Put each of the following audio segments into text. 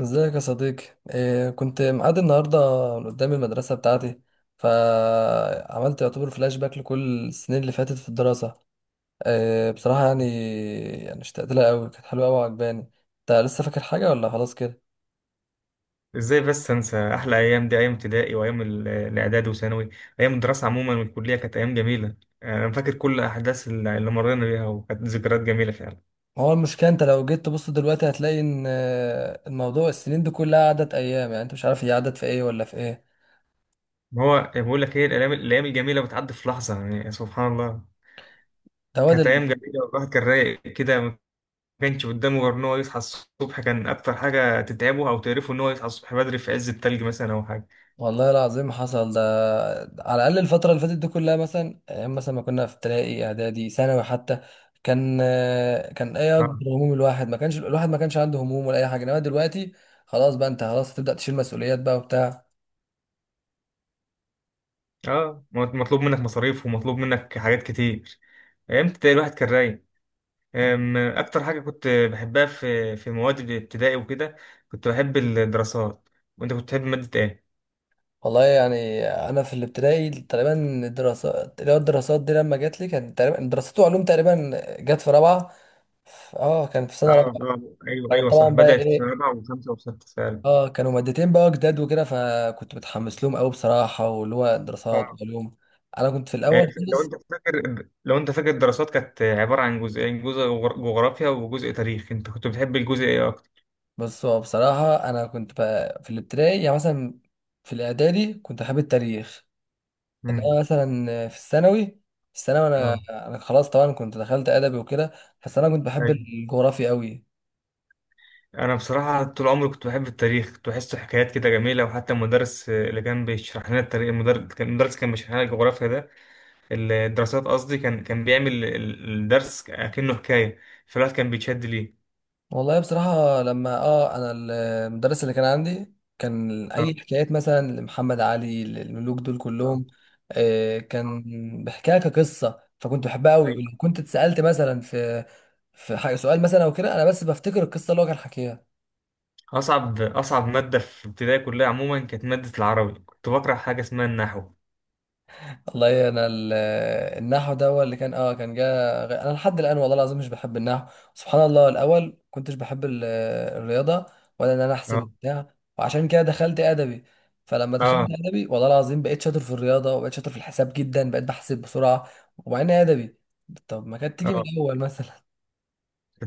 ازيك يا صديقي. إيه كنت مقعد النهارده قدام المدرسه بتاعتي، فعملت يعتبر فلاش باك لكل السنين اللي فاتت في الدراسه. إيه بصراحه، يعني اشتقت لها قوي، كانت حلوه قوي وعجباني. انت لسه فاكر حاجه ولا خلاص كده؟ ازاي بس انسى احلى ايام، دي ايام ابتدائي وايام الاعداد وثانوي. ايام الدراسه عموما والكليه كانت ايام جميله. يعني انا فاكر كل احداث اللي مرينا بيها وكانت ذكريات جميله فعلا. ما هو المشكله، انت لو جيت تبص دلوقتي هتلاقي ان الموضوع، السنين دي كلها عدت ايام، يعني انت مش عارف هي عدت في ايه ولا في ايه. ما هو بقول لك ايه، الايام الجميله بتعدي في لحظه، يعني سبحان الله. ده هو ده. كانت ايام جميله والواحد كان رايق كده، ما كانش قدامه غير ان هو يصحى الصبح. كان اكتر حاجه تتعبه او تقرفه ان هو يصحى الصبح بدري في عز التلج مثلا او حاجه. والله العظيم حصل ده. على الأقل الفترة اللي فاتت دي كلها، مثلا أيام مثلا ما كنا في ابتدائي إعدادي ثانوي حتى، كان كان إيه اه. أكبر هموم الواحد؟ ما كانش عنده هموم ولا أي حاجة. إنما دلوقتي خلاص بقى، أنت خلاص هتبدأ تشيل مسؤوليات بقى وبتاع. اه مطلوب منك مصاريف ومطلوب منك حاجات كتير. ايام ابتدائي الواحد كان رايق. أكتر حاجة كنت بحبها في مواد الابتدائي وكده كنت بحب الدراسات. وأنت كنت بتحب مادة إيه؟ والله يعني أنا في الابتدائي تقريبا، الدراسات اللي هو الدراسات دي لما جت لي كان تقريبا دراسات وعلوم، تقريبا جت في رابعة. كان في آه سنة رابعة. آه. أيوه كانت أيوه، طبعا صح، بقى بدأت في سنة إيه رابعة وخمسة وستة فعلا. اه كانوا مادتين بقى جداد وكده، فكنت متحمس لهم قوي بصراحه واللي هو دراسات آه. وعلوم. انا كنت في الاول لو خالص. أنت فاكر، لو أنت فاكر، الدراسات كانت عبارة عن جزئين، جزء جغرافيا وجزء تاريخ. أنت كنت بتحب الجزء إيه أكتر؟ بس هو بصراحه انا كنت بقى في الابتدائي يعني مثلا، في الاعدادي كنت حابب التاريخ، امم انما مثلا في الثانوي انا آه انا خلاص طبعا كنت دخلت ادبي وكده، بس انا كنت بحب أيوه. الجغرافيا قوي. أنا بصراحة طول عمري كنت بحب التاريخ، كنت بحسه حكايات كده جميلة. وحتى المدرس اللي كان بيشرح لنا التاريخ، المدرس كان، المدرس كان بيشرح لنا الجغرافيا ده، الدراسات قصدي، كان بيعمل الدرس كأنه حكاية، فالواحد كان بيتشد ليه. والله بصراحة لما انا المدرس اللي كان عندي، كان اه اي حكايات مثلا لمحمد علي للملوك دول اه كلهم، كان بيحكيها كقصة، فكنت بحبها قوي. أيوة. ولو كنت اتسألت مثلا في حاجة سؤال مثلا او كده، انا بس بفتكر القصة اللي هو كان حكيها. أصعب مادة في ابتدائي كلها عموما كانت مادة العربي. كنت بكره حاجة اسمها النحو. والله انا ال- النحو ده هو اللي كان جا، انا لحد الان والله العظيم مش بحب النحو. سبحان الله، الاول كنتش بحب الرياضه، ولا انا احسب اه وبتاع، وعشان كده دخلت ادبي. فلما دخلت اه ادبي والله العظيم بقيت شاطر في الرياضه، وبقيت شاطر في الحساب جدا، بقيت بحسب بسرعه ومع اني ادبي. طب ما كانت تيجي من اه. الاول مثلا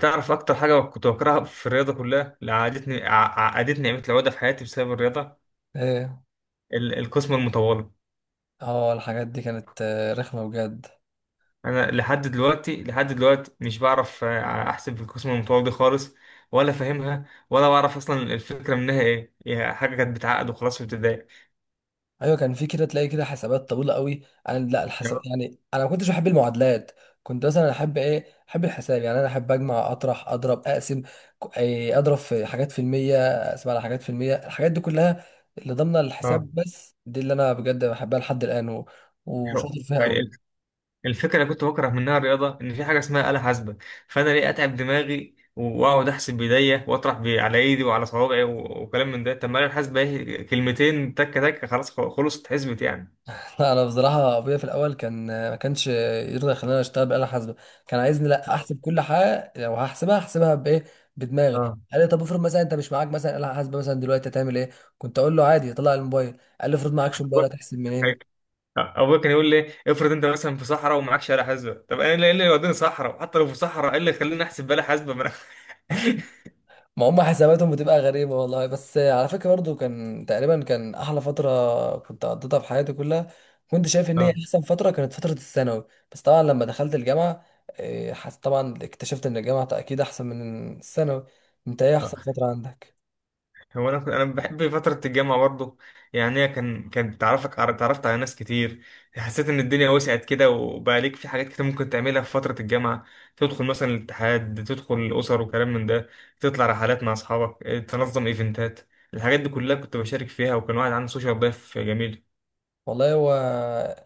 تعرف أكتر حاجة كنت بكرهها في الرياضة كلها، اللي عقدتني، عقدتني نعمة العقدة في حياتي بسبب الرياضة؟ ايه القسمة المطولة. اه الحاجات دي كانت رخمه بجد. انا لحد دلوقتي، لحد دلوقتي مش بعرف احسب القسم المتطور دي خالص، ولا فاهمها ولا بعرف اصلا الفكره منها ايه. هي حاجه كانت بتعقد وخلاص في ابتدائي. ايوه، كان في كده، تلاقي كده حسابات طويله قوي. انا لا، الحساب يعني انا ما كنتش بحب المعادلات. كنت مثلا احب الحساب. يعني انا احب اجمع اطرح اضرب اقسم، ك- إيه، اضرب في حاجات في المية، اقسم على حاجات في المية، الحاجات دي كلها اللي ضمن اه الحساب، بس دي اللي انا بجد بحبها لحد الان آه. وشاطر فيها قوي. ال- الفكره اللي كنت بكره منها الرياضه ان في حاجه اسمها آلة حاسبه. فانا ليه اتعب دماغي واقعد احسب بايديا واطرح على ايدي وعلى صوابعي وكلام من ده؟ طب ما الآلة الحاسبه ايه، كلمتين تك تك خلاص، خلصت اتحسبت يعني. لا انا بصراحه ابويا في الاول كان ما كانش يرضى يخليني اشتغل بآلة حاسبه. كان عايزني لا، اه احسب كل حاجه لو هحسبها احسبها بايه، بدماغي. قال لي طب افرض مثلا انت مش معاك مثلا آلة حاسبه مثلا دلوقتي، هتعمل ايه؟ كنت اقول له عادي طلع الموبايل. قال لي افرض معكش موبايل، هتحسب منين؟ اه. ابويا كان يقول لي افرض انت مثلا في صحراء ومعكش آلة حاسبة. طب انا إيه اللي يوديني صحراء؟ حتى لو في صحراء، ايه اللي يخليني احسب بآلة حاسبة ما انا ما هم حساباتهم بتبقى غريبة، والله. بس على فكرة برضو كان تقريبا كان أحلى فترة كنت قضيتها في حياتي كلها، كنت شايف إن هي اه أحسن فترة، كانت فترة الثانوي. بس طبعا لما دخلت الجامعة، إيه، حس طبعا اكتشفت إن الجامعة أكيد أحسن من الثانوي. أنت إيه اه. أحسن فترة عندك؟ هو انا، انا بحب فتره الجامعه برضو. يعني هي كان تعرفك، تعرفت على ناس كتير، حسيت ان الدنيا وسعت كده، وبقى ليك في حاجات كتير ممكن تعملها في فتره الجامعه. تدخل مثلا الاتحاد، تدخل الاسر وكلام من ده، تطلع رحلات مع اصحابك، تنظم ايفنتات. الحاجات دي كلها كنت بشارك فيها، وكان واحد عنده سوشيال لايف جميل. والله هو،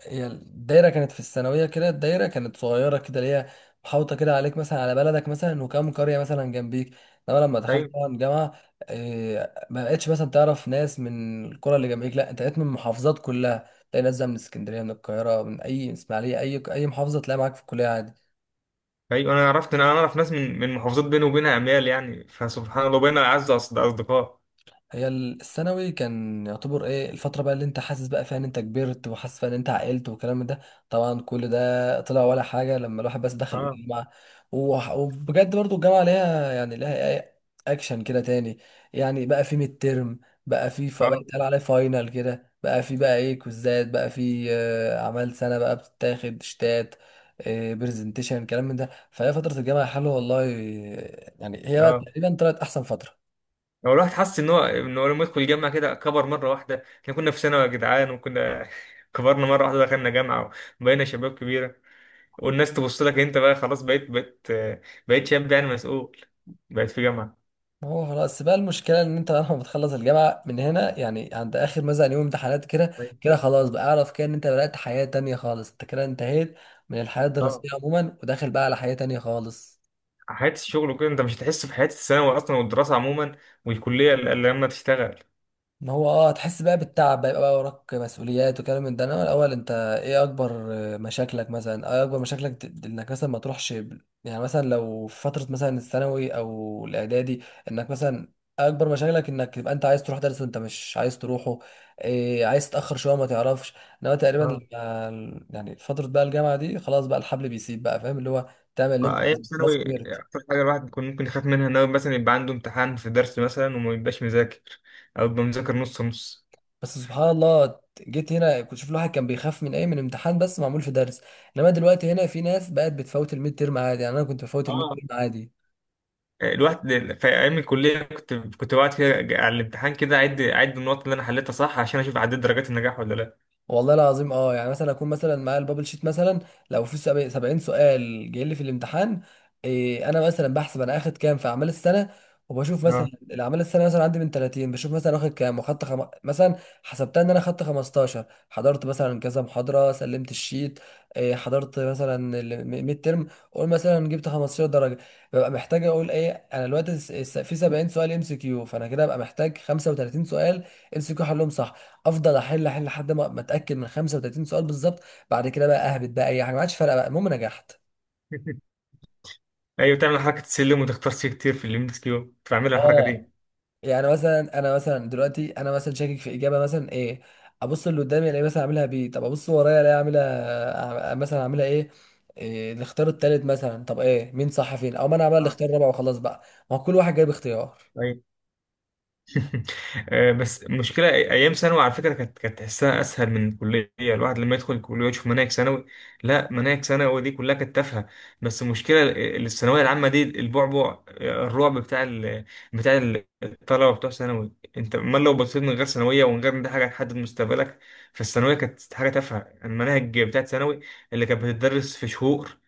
هي الدايرة كانت في الثانوية كده، الدايرة كانت صغيرة كده، اللي هي محاوطة كده عليك مثلا على بلدك مثلا وكام قرية مثلا جنبيك. انما لما دخلت ايوه. طبعا جامعة، ما بقتش مثلا تعرف ناس من القرى اللي جنبيك، لا، انت بقيت من المحافظات كلها تلاقي ناس بقى من اسكندرية من القاهرة من اي من اسماعيلية، اي محافظة تلاقي معاك في الكلية عادي. ايوه انا عرفت، انا اعرف ناس من محافظات بيني وبينها اميال يعني، فسبحان الله بينا اعز اصدقاء. هي الثانوي كان يعتبر ايه الفترة بقى اللي انت حاسس بقى فيها ان انت كبرت، وحاسس فيها ان انت عقلت والكلام ده. طبعا كل ده طلع ولا حاجة لما الواحد بس دخل اه الجامعة. وبجد برضو الجامعة ليها يعني ليها ايه، اكشن كده تاني. يعني بقى في ميد ترم، بقى بقى اه يتقال عليه فاينل كده، بقى في بقى ايه كوزات، بقى في اعمال سنة بقى بتتاخد شتات، برزنتيشن الكلام من ده. فهي فترة الجامعة حلوة والله، يعني هي بقى اه. تقريبا طلعت احسن فترة. هو الواحد حس ان هو، ان هو لما يدخل الجامعه كده كبر مره واحده. احنا كنا في ثانوي يا جدعان وكنا كبرنا مره واحده دخلنا جامعه وبقينا شباب كبيره. والناس تبص لك، انت بقى خلاص بقيت، بقيت شاب يعني مسؤول، بقيت في جامعه. ما هو خلاص بقى المشكلة إن أنت لما بتخلص الجامعة من هنا، يعني عند آخر مثلا يوم امتحانات كده، أيوة. كده خلاص بقى أعرف كده إن أنت بدأت حياة تانية خالص، أنت كده انتهيت من الحياة اه، الدراسية عموما، وداخل بقى على حياة تانية خالص. حياه الشغل وكده، انت مش هتحس في حياه الثانوي اصلا والدراسه عموما والكليه الا لما تشتغل. ما هو، هتحس بقى بالتعب بقى، يبقى بقى وراك مسؤوليات وكلام من ده. انا الاول انت ايه اكبر مشاكلك، مثلا ايه اكبر مشاكلك، انك مثلا ما تروحش يعني مثلا لو في فتره مثلا الثانوي او الاعدادي، انك مثلا اكبر مشاكلك انك تبقى انت عايز تروح درس وانت مش عايز تروحه، عايز تتاخر شويه ما تعرفش. انما تقريبا، يعني فتره بقى الجامعه دي خلاص بقى الحبل بيسيب بقى، فاهم، اللي هو تعمل اللي انت ايام عايزه، خلاص ثانوي كبرت. اكتر حاجه الواحد بيكون ممكن يخاف منها ان هو مثلا يبقى عنده امتحان في درس مثلا وما يبقاش مذاكر، او يبقى مذاكر نص نص. بس سبحان الله، جيت هنا كنت شوف الواحد كان بيخاف من ايه؟ من امتحان بس معمول في درس، انما دلوقتي هنا في ناس بقت بتفوت الميد تيرم عادي. يعني انا كنت بفوت الميد اه. تيرم عادي. الواحد في ايام الكليه كنت بقعد كده على الامتحان كده، اعد، اعد النقط اللي انا حليتها صح، عشان اشوف عديت درجات النجاح ولا لا. والله العظيم يعني مثلا اكون مثلا معايا البابل شيت مثلا، لو في 70 سؤال جاي لي في الامتحان، انا مثلا بحسب، انا اخد كام في اعمال السنه؟ وبشوف مثلا اه. الاعمال السنه مثلا عندي من 30، بشوف مثلا واخد كام، مثلا حسبتها ان انا خدت 15، حضرت مثلا كذا محاضره، سلمت الشيت، حضرت مثلا الميد ترم، قول مثلا جبت 15 درجه. ببقى محتاج اقول ايه انا دلوقتي؟ في 70 سؤال ام سي كيو، فانا كده ببقى محتاج 35 سؤال ام سي كيو حلهم صح، افضل احل لحد ما اتاكد من 35 سؤال بالظبط. بعد كده بقى اهبط بقى، اي حاجه ما عادش فارقه بقى، المهم نجحت. ايوه، تعمل حركه السلم وتختار سي كتير في الام اس كيو. كنت بعمل الحركه اه دي. يعني مثلا انا مثلا دلوقتي، انا مثلا شاكك في اجابه مثلا ايه، ابص اللي قدامي الاقي مثلا اعملها بي، طب ابص ورايا الاقي اعملها مثلا اعملها ايه، الاختيار التالت مثلا، طب ايه مين صح فين، او ما انا اعمل الاختيار الرابع وخلاص بقى، ما هو كل واحد جايب اختيار. اه. بس المشكلة، أيام ثانوي على فكرة كانت تحسها أسهل من الكلية. الواحد لما يدخل الكلية ويشوف مناهج ثانوي، لا مناهج ثانوي دي كلها كانت تافهة. بس المشكلة الثانوية العامة دي البعبع، الرعب بتاع بتاع الطلبة بتوع ثانوي. أنت أمال لو بصيت من غير ثانوية ومن غير إن دي حاجة هتحدد مستقبلك، فالثانوية كانت حاجة تافهة. المناهج بتاعت ثانوي اللي كانت بتدرس في شهور،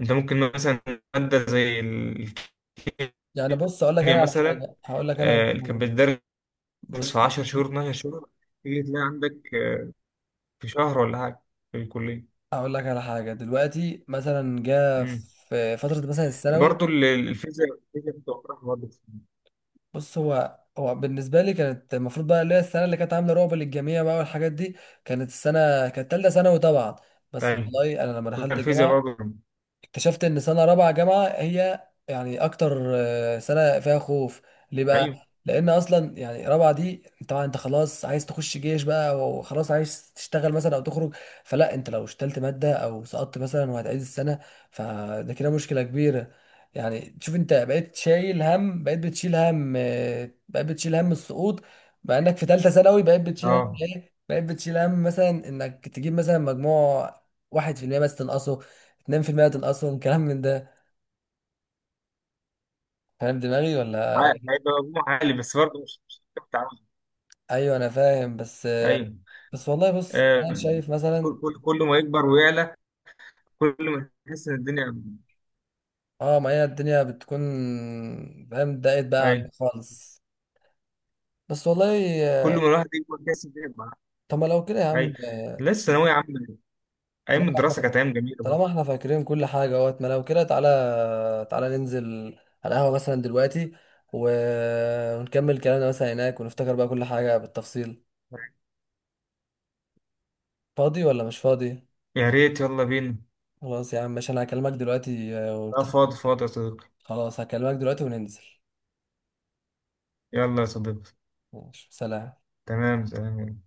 أنت ممكن مثلا مادة زي الكيمياء يعني بص اقول لك انا على مثلا حاجه هقول لك انا على اللي حاجه. كانت بتدرس بص في 10 شهور، 12 شهور، تيجي تلاقي عندك في شهر ولا حاجة في الكلية. اقول لك على حاجه دلوقتي مثلا، جاء امم في فتره مثلا الثانوي، برضه الفيزياء، الفيزياء بتوقعها برضه. بص هو بالنسبة لي كانت المفروض بقى اللي هي السنة اللي كانت عاملة رعب للجميع بقى والحاجات دي، كانت السنة كانت تالتة ثانوي طبعا. بس ايوه، والله أنا لما دخلت الفيزياء الجامعة، برضه. اكتشفت ان سنه رابعه جامعه هي يعني اكتر سنه فيها خوف. ليه ايوه. بقى؟ لان اصلا يعني رابعه دي، طبعا انت خلاص عايز تخش جيش بقى، وخلاص عايز تشتغل مثلا او تخرج، فلا انت لو اشتلت ماده او سقطت مثلا وهتعيد السنه فده كده مشكله كبيره. يعني شوف، انت بقيت شايل هم، بقيت بتشيل هم بقيت بتشيل هم السقوط، مع انك في ثالثه ثانوي بقيت بتشيل هم اه. بقيت بتشيل هم مثلا انك تجيب مثلا مجموع واحد في المية بس تنقصه، نام في المقتل اصلا كلام من ده. فاهم دماغي ولا إيه؟ هيبقى مجموع عالي بس برضه مش هتعرف تعمل. ايوه انا فاهم. بس ايوه. بس والله بص انا آم، شايف مثلا، كل ما يكبر ويعلى، كل ما يحس ان الدنيا. اه ما هي الدنيا بتكون، فاهم، ضاقت بقى عليك ايوه، خالص. بس والله كل ما الواحد يكبر يحس ان الدنيا معاه. طب ما لو كده يا عم ايوه، آه، لسه ثانوية عامة. ايام طالما الدراسة كانت احنا ايام جميلة برضه. طالما احنا فاكرين كل حاجه اهوت، ما لو كده تعالى، تعالى ننزل على القهوه مثلا دلوقتي، و... ونكمل كلامنا مثلا هناك، ونفتكر بقى كل حاجه بالتفصيل. فاضي ولا مش فاضي؟ يا ريت، يلا بينا. خلاص يا عم، ماشي، انا هكلمك دلوقتي اه، ونتفق. فاضي فاضي يا صديقي. خلاص هكلمك دلوقتي وننزل. يلا يا صديقي. ماشي، سلام. تمام تمام.